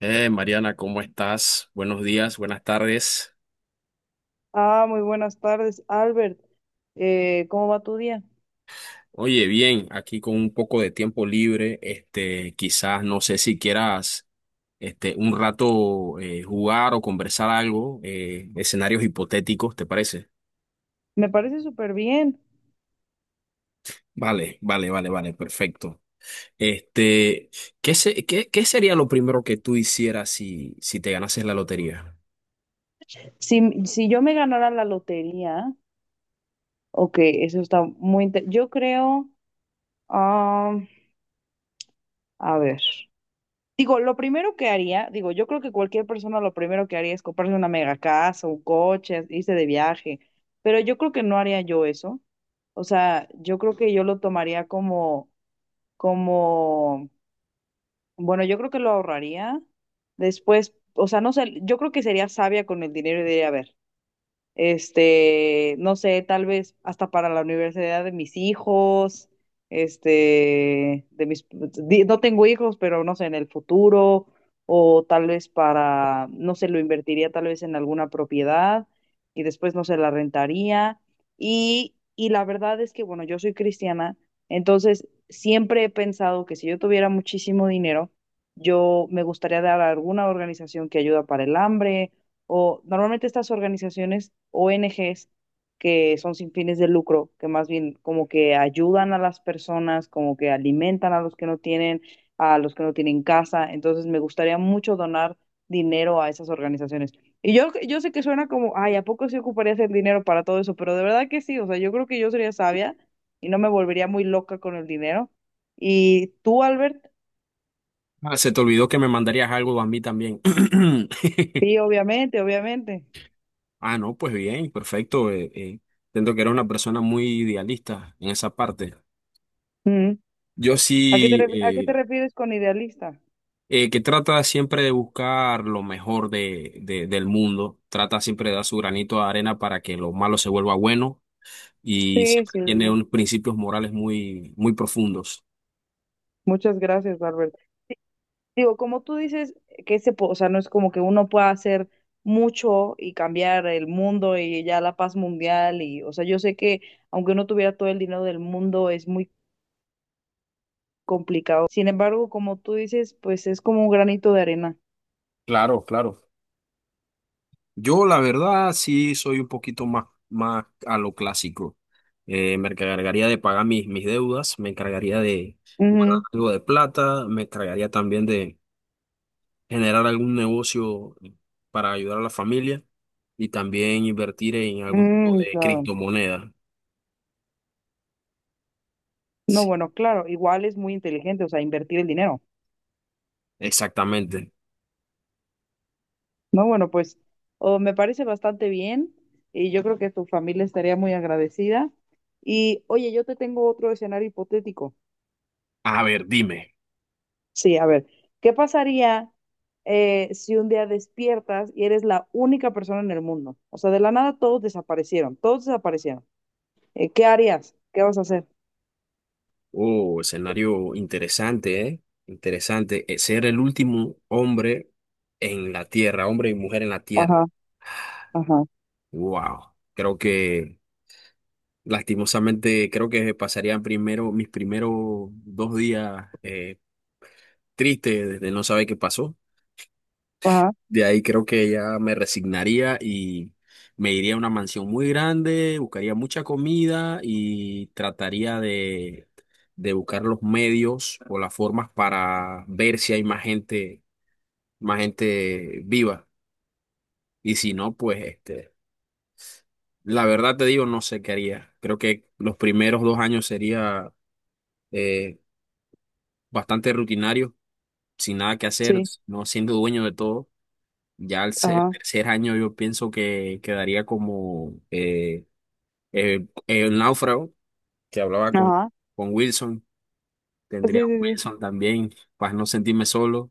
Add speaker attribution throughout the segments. Speaker 1: Mariana, ¿cómo estás? Buenos días, buenas tardes.
Speaker 2: Ah, muy buenas tardes, Albert. ¿Cómo va tu día?
Speaker 1: Oye, bien, aquí con un poco de tiempo libre, este, quizás no sé si quieras, este, un rato jugar o conversar algo, escenarios hipotéticos, ¿te parece?
Speaker 2: Me parece súper bien.
Speaker 1: Vale, vale, vale, vale, perfecto. Este, ¿qué sería lo primero que tú hicieras si te ganases la lotería?
Speaker 2: Si yo me ganara la lotería, ok, eso está muy... inte- yo creo, ah, a ver, digo, lo primero que haría, digo, yo creo que cualquier persona lo primero que haría es comprarse una mega casa, un coche, irse de viaje, pero yo creo que no haría yo eso. O sea, yo creo que yo lo tomaría como, bueno, yo creo que lo ahorraría. Después, o sea, no sé, yo creo que sería sabia con el dinero y diría, a ver, no sé, tal vez hasta para la universidad de mis hijos, no tengo hijos, pero no sé, en el futuro, o tal vez para, no sé, lo invertiría tal vez en alguna propiedad y después, no sé, la rentaría. Y la verdad es que, bueno, yo soy cristiana, entonces siempre he pensado que si yo tuviera muchísimo dinero, yo me gustaría dar a alguna organización que ayuda para el hambre o normalmente estas organizaciones, ONGs, que son sin fines de lucro, que más bien como que ayudan a las personas, como que alimentan a los que no tienen, a los que no tienen casa. Entonces me gustaría mucho donar dinero a esas organizaciones. Yo sé que suena como, ay, ¿a poco sí ocuparías el dinero para todo eso? Pero de verdad que sí, o sea, yo creo que yo sería sabia y no me volvería muy loca con el dinero. ¿Y tú, Albert?
Speaker 1: Ah, se te olvidó que me mandarías algo a mí también.
Speaker 2: Sí, obviamente, obviamente.
Speaker 1: Ah, no, pues bien, perfecto. Siento que era una persona muy idealista en esa parte.
Speaker 2: Mm.
Speaker 1: Yo
Speaker 2: ¿A qué te,
Speaker 1: sí,
Speaker 2: a qué te refieres con idealista?
Speaker 1: que trata siempre de buscar lo mejor del mundo, trata siempre de dar su granito de arena para que lo malo se vuelva bueno y
Speaker 2: Sí,
Speaker 1: siempre
Speaker 2: sí,
Speaker 1: tiene
Speaker 2: sí.
Speaker 1: unos principios morales muy, muy profundos.
Speaker 2: Muchas gracias, Barbert. Digo, como tú dices, que o sea, no es como que uno pueda hacer mucho y cambiar el mundo y ya la paz mundial y, o sea, yo sé que aunque uno tuviera todo el dinero del mundo es muy complicado. Sin embargo, como tú dices, pues es como un granito de arena.
Speaker 1: Claro, claro. Yo, la verdad, sí soy un poquito más, más a lo clásico. Me encargaría de pagar mis deudas, me encargaría de buscar
Speaker 2: Ujú.
Speaker 1: algo de plata, me encargaría también de generar algún negocio para ayudar a la familia y también invertir en algún tipo
Speaker 2: Mm,
Speaker 1: de
Speaker 2: claro.
Speaker 1: criptomoneda.
Speaker 2: No,
Speaker 1: Sí,
Speaker 2: bueno, claro, igual es muy inteligente, o sea, invertir el dinero.
Speaker 1: exactamente.
Speaker 2: No, bueno, pues oh, me parece bastante bien y yo creo que tu familia estaría muy agradecida. Y oye, yo te tengo otro escenario hipotético.
Speaker 1: A ver, dime.
Speaker 2: Sí, a ver, ¿qué pasaría si un día despiertas y eres la única persona en el mundo? O sea, de la nada todos desaparecieron, todos desaparecieron. ¿Qué harías? ¿Qué vas a hacer?
Speaker 1: Oh, escenario interesante, ¿eh? Interesante. Ser el último hombre en la tierra, hombre y mujer en la tierra.
Speaker 2: Ajá, ajá,
Speaker 1: Wow, creo que lastimosamente creo que pasarían primero mis primeros dos días tristes desde no saber qué pasó.
Speaker 2: ajá,
Speaker 1: De ahí creo que ya me resignaría y me iría a una mansión muy grande, buscaría mucha comida y trataría de buscar los medios o las formas para ver si hay más gente viva. Y si no, pues este, la verdad te digo, no sé qué haría. Creo que los primeros dos años sería eh, bastante rutinario, sin nada que hacer,
Speaker 2: sí,
Speaker 1: no siendo dueño de todo. Ya al
Speaker 2: ajá,
Speaker 1: tercer año yo pienso que quedaría como el náufrago que hablaba
Speaker 2: ajá,
Speaker 1: con Wilson.
Speaker 2: sí,
Speaker 1: Tendría
Speaker 2: sí,
Speaker 1: a
Speaker 2: sí,
Speaker 1: Wilson también para no sentirme solo.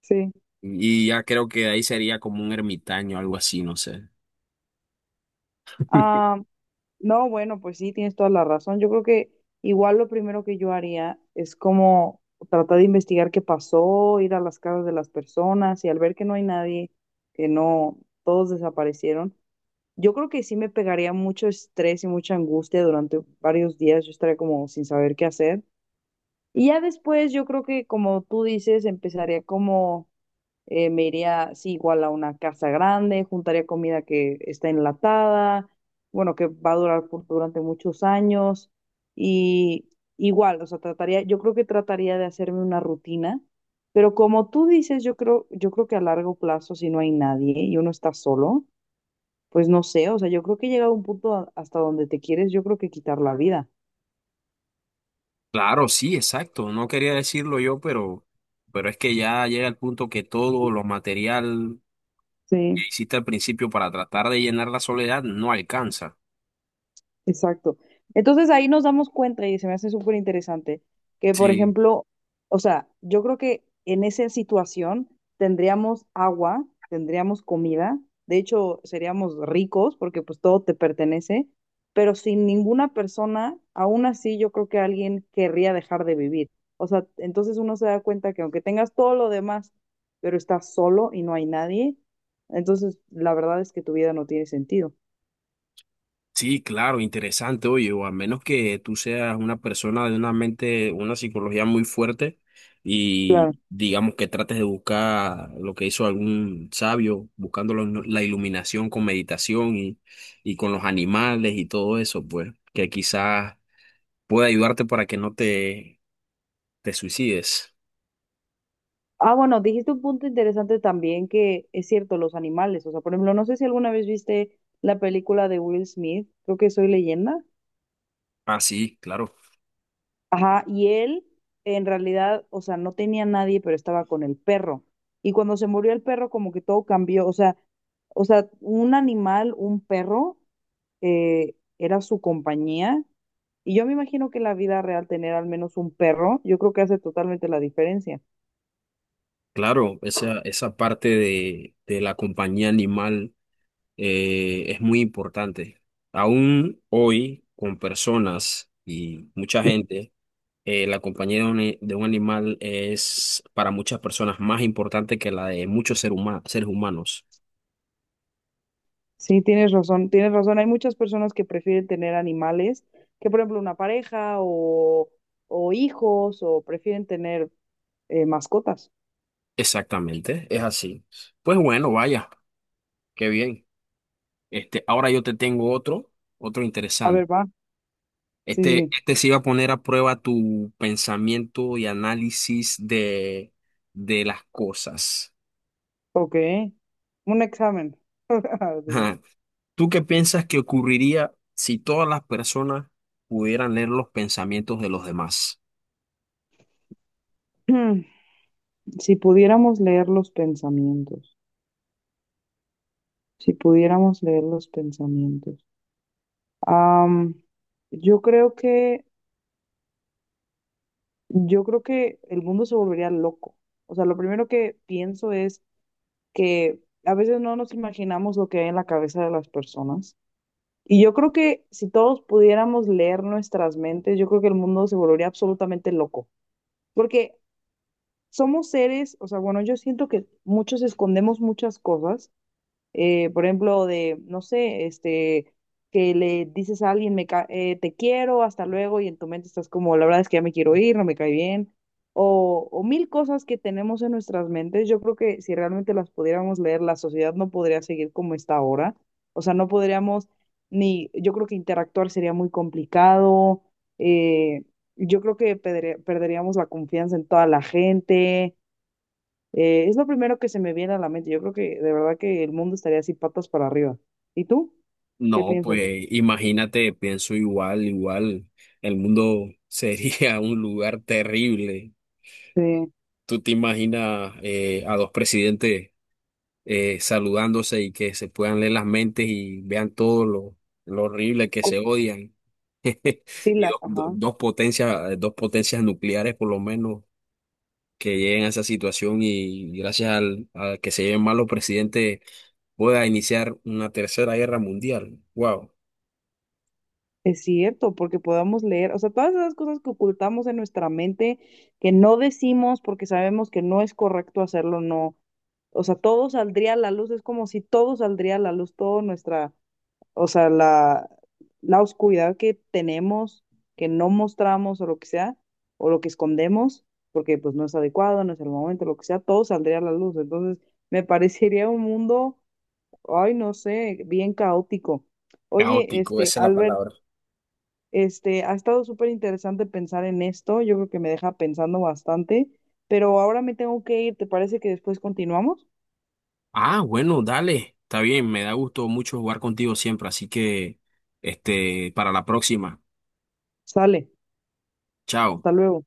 Speaker 2: sí.
Speaker 1: Y ya creo que ahí sería como un ermitaño, algo así, no sé.
Speaker 2: Ah, no, bueno, pues sí, tienes toda la razón. Yo creo que igual lo primero que yo haría es como tratar de investigar qué pasó, ir a las casas de las personas y al ver que no hay nadie, que no, todos desaparecieron, yo creo que sí me pegaría mucho estrés y mucha angustia durante varios días. Yo estaría como sin saber qué hacer. Y ya después yo creo que como tú dices, empezaría como me iría, sí, igual a una casa grande, juntaría comida que está enlatada, bueno, que va a durar durante muchos años y igual, o sea, trataría, yo creo que trataría de hacerme una rutina, pero como tú dices, yo creo que a largo plazo, si no hay nadie y uno está solo, pues no sé, o sea, yo creo que he llegado a un punto hasta donde te quieres, yo creo que quitar la vida.
Speaker 1: Claro, sí, exacto. No quería decirlo yo, pero es que ya llega el punto que todo lo material
Speaker 2: Sí,
Speaker 1: que hiciste al principio para tratar de llenar la soledad no alcanza.
Speaker 2: exacto. Entonces ahí nos damos cuenta y se me hace súper interesante que, por
Speaker 1: Sí,
Speaker 2: ejemplo, o sea, yo creo que en esa situación tendríamos agua, tendríamos comida, de hecho seríamos ricos porque pues todo te pertenece, pero sin ninguna persona, aún así yo creo que alguien querría dejar de vivir. O sea, entonces uno se da cuenta que aunque tengas todo lo demás, pero estás solo y no hay nadie, entonces la verdad es que tu vida no tiene sentido.
Speaker 1: sí, claro, interesante, oye, o a menos que tú seas una persona de una mente, una psicología muy fuerte y digamos que trates de buscar lo que hizo algún sabio, buscando la iluminación con meditación y con los animales y todo eso, pues, que quizás pueda ayudarte para que no te, te suicides.
Speaker 2: Ah, bueno, dijiste un punto interesante también que es cierto, los animales. O sea, por ejemplo, no sé si alguna vez viste la película de Will Smith, creo que Soy Leyenda.
Speaker 1: Ah, sí, claro,
Speaker 2: Ajá, y él en realidad, o sea, no tenía nadie, pero estaba con el perro. Y cuando se murió el perro, como que todo cambió. O sea, un animal, un perro, era su compañía. Y yo me imagino que en la vida real tener al menos un perro, yo creo que hace totalmente la diferencia.
Speaker 1: claro, esa parte de la compañía animal. Es muy importante. Aún hoy, con personas y mucha gente, la compañía de un animal es para muchas personas más importante que la de muchos seres humanos.
Speaker 2: Sí, tienes razón, tienes razón. Hay muchas personas que prefieren tener animales, que por ejemplo una pareja o hijos, o prefieren tener mascotas.
Speaker 1: Exactamente, es así. Pues bueno, vaya, qué bien. Este, ahora yo te tengo otro, otro
Speaker 2: A ver,
Speaker 1: interesante.
Speaker 2: va. Sí, sí,
Speaker 1: Este,
Speaker 2: sí.
Speaker 1: este sí va a poner a prueba tu pensamiento y análisis de las cosas.
Speaker 2: Ok. Un examen. Digo.
Speaker 1: ¿Tú qué piensas que ocurriría si todas las personas pudieran leer los pensamientos de los demás?
Speaker 2: Mm, si pudiéramos leer los pensamientos, si pudiéramos leer los pensamientos. Am, yo creo que, yo creo que el mundo se volvería loco. O sea, lo primero que pienso es que a veces no nos imaginamos lo que hay en la cabeza de las personas. Y yo creo que si todos pudiéramos leer nuestras mentes, yo creo que el mundo se volvería absolutamente loco, porque somos seres, o sea, bueno, yo siento que muchos escondemos muchas cosas por ejemplo, de, no sé, que le dices a alguien, te quiero, hasta luego, y en tu mente estás como, la verdad es que ya me quiero ir, no me cae bien, o mil cosas que tenemos en nuestras mentes. Yo creo que si realmente las pudiéramos leer, la sociedad no podría seguir como está ahora. O sea, no podríamos ni, yo creo que interactuar sería muy complicado. eh, yo creo que perderíamos la confianza en toda la gente. Es lo primero que se me viene a la mente. Yo creo que de verdad que el mundo estaría así patas para arriba. ¿Y tú? ¿Qué
Speaker 1: No,
Speaker 2: piensas?
Speaker 1: pues imagínate, pienso igual, igual, el mundo sería un lugar terrible.
Speaker 2: Sí,
Speaker 1: ¿Tú te imaginas a dos presidentes saludándose y que se puedan leer las mentes y vean todo lo horrible que
Speaker 2: cu-
Speaker 1: se odian?
Speaker 2: sí,
Speaker 1: Y dos, dos
Speaker 2: ajá.
Speaker 1: dos potencias, dos potencias nucleares por lo menos que lleguen a esa situación y gracias al, a que se lleven mal los presidentes pueda iniciar una tercera guerra mundial. Wow,
Speaker 2: Es cierto, porque podamos leer, o sea, todas esas cosas que ocultamos en nuestra mente, que no decimos porque sabemos que no es correcto hacerlo, no. O sea, todo saldría a la luz, es como si todo saldría a la luz, toda nuestra o sea, la oscuridad que tenemos, que no mostramos o lo que sea, o lo que escondemos, porque pues no es adecuado, no es el momento, lo que sea, todo saldría a la luz. Entonces, me parecería un mundo, ay, no sé, bien caótico. Oye,
Speaker 1: caótico,
Speaker 2: este,
Speaker 1: esa es la
Speaker 2: Albert,
Speaker 1: palabra.
Speaker 2: este, ha estado súper interesante pensar en esto, yo creo que me deja pensando bastante, pero ahora me tengo que ir, ¿te parece que después continuamos?
Speaker 1: Ah, bueno, dale, está bien, me da gusto mucho jugar contigo siempre, así que este, para la próxima.
Speaker 2: Sale,
Speaker 1: Chao.
Speaker 2: hasta luego.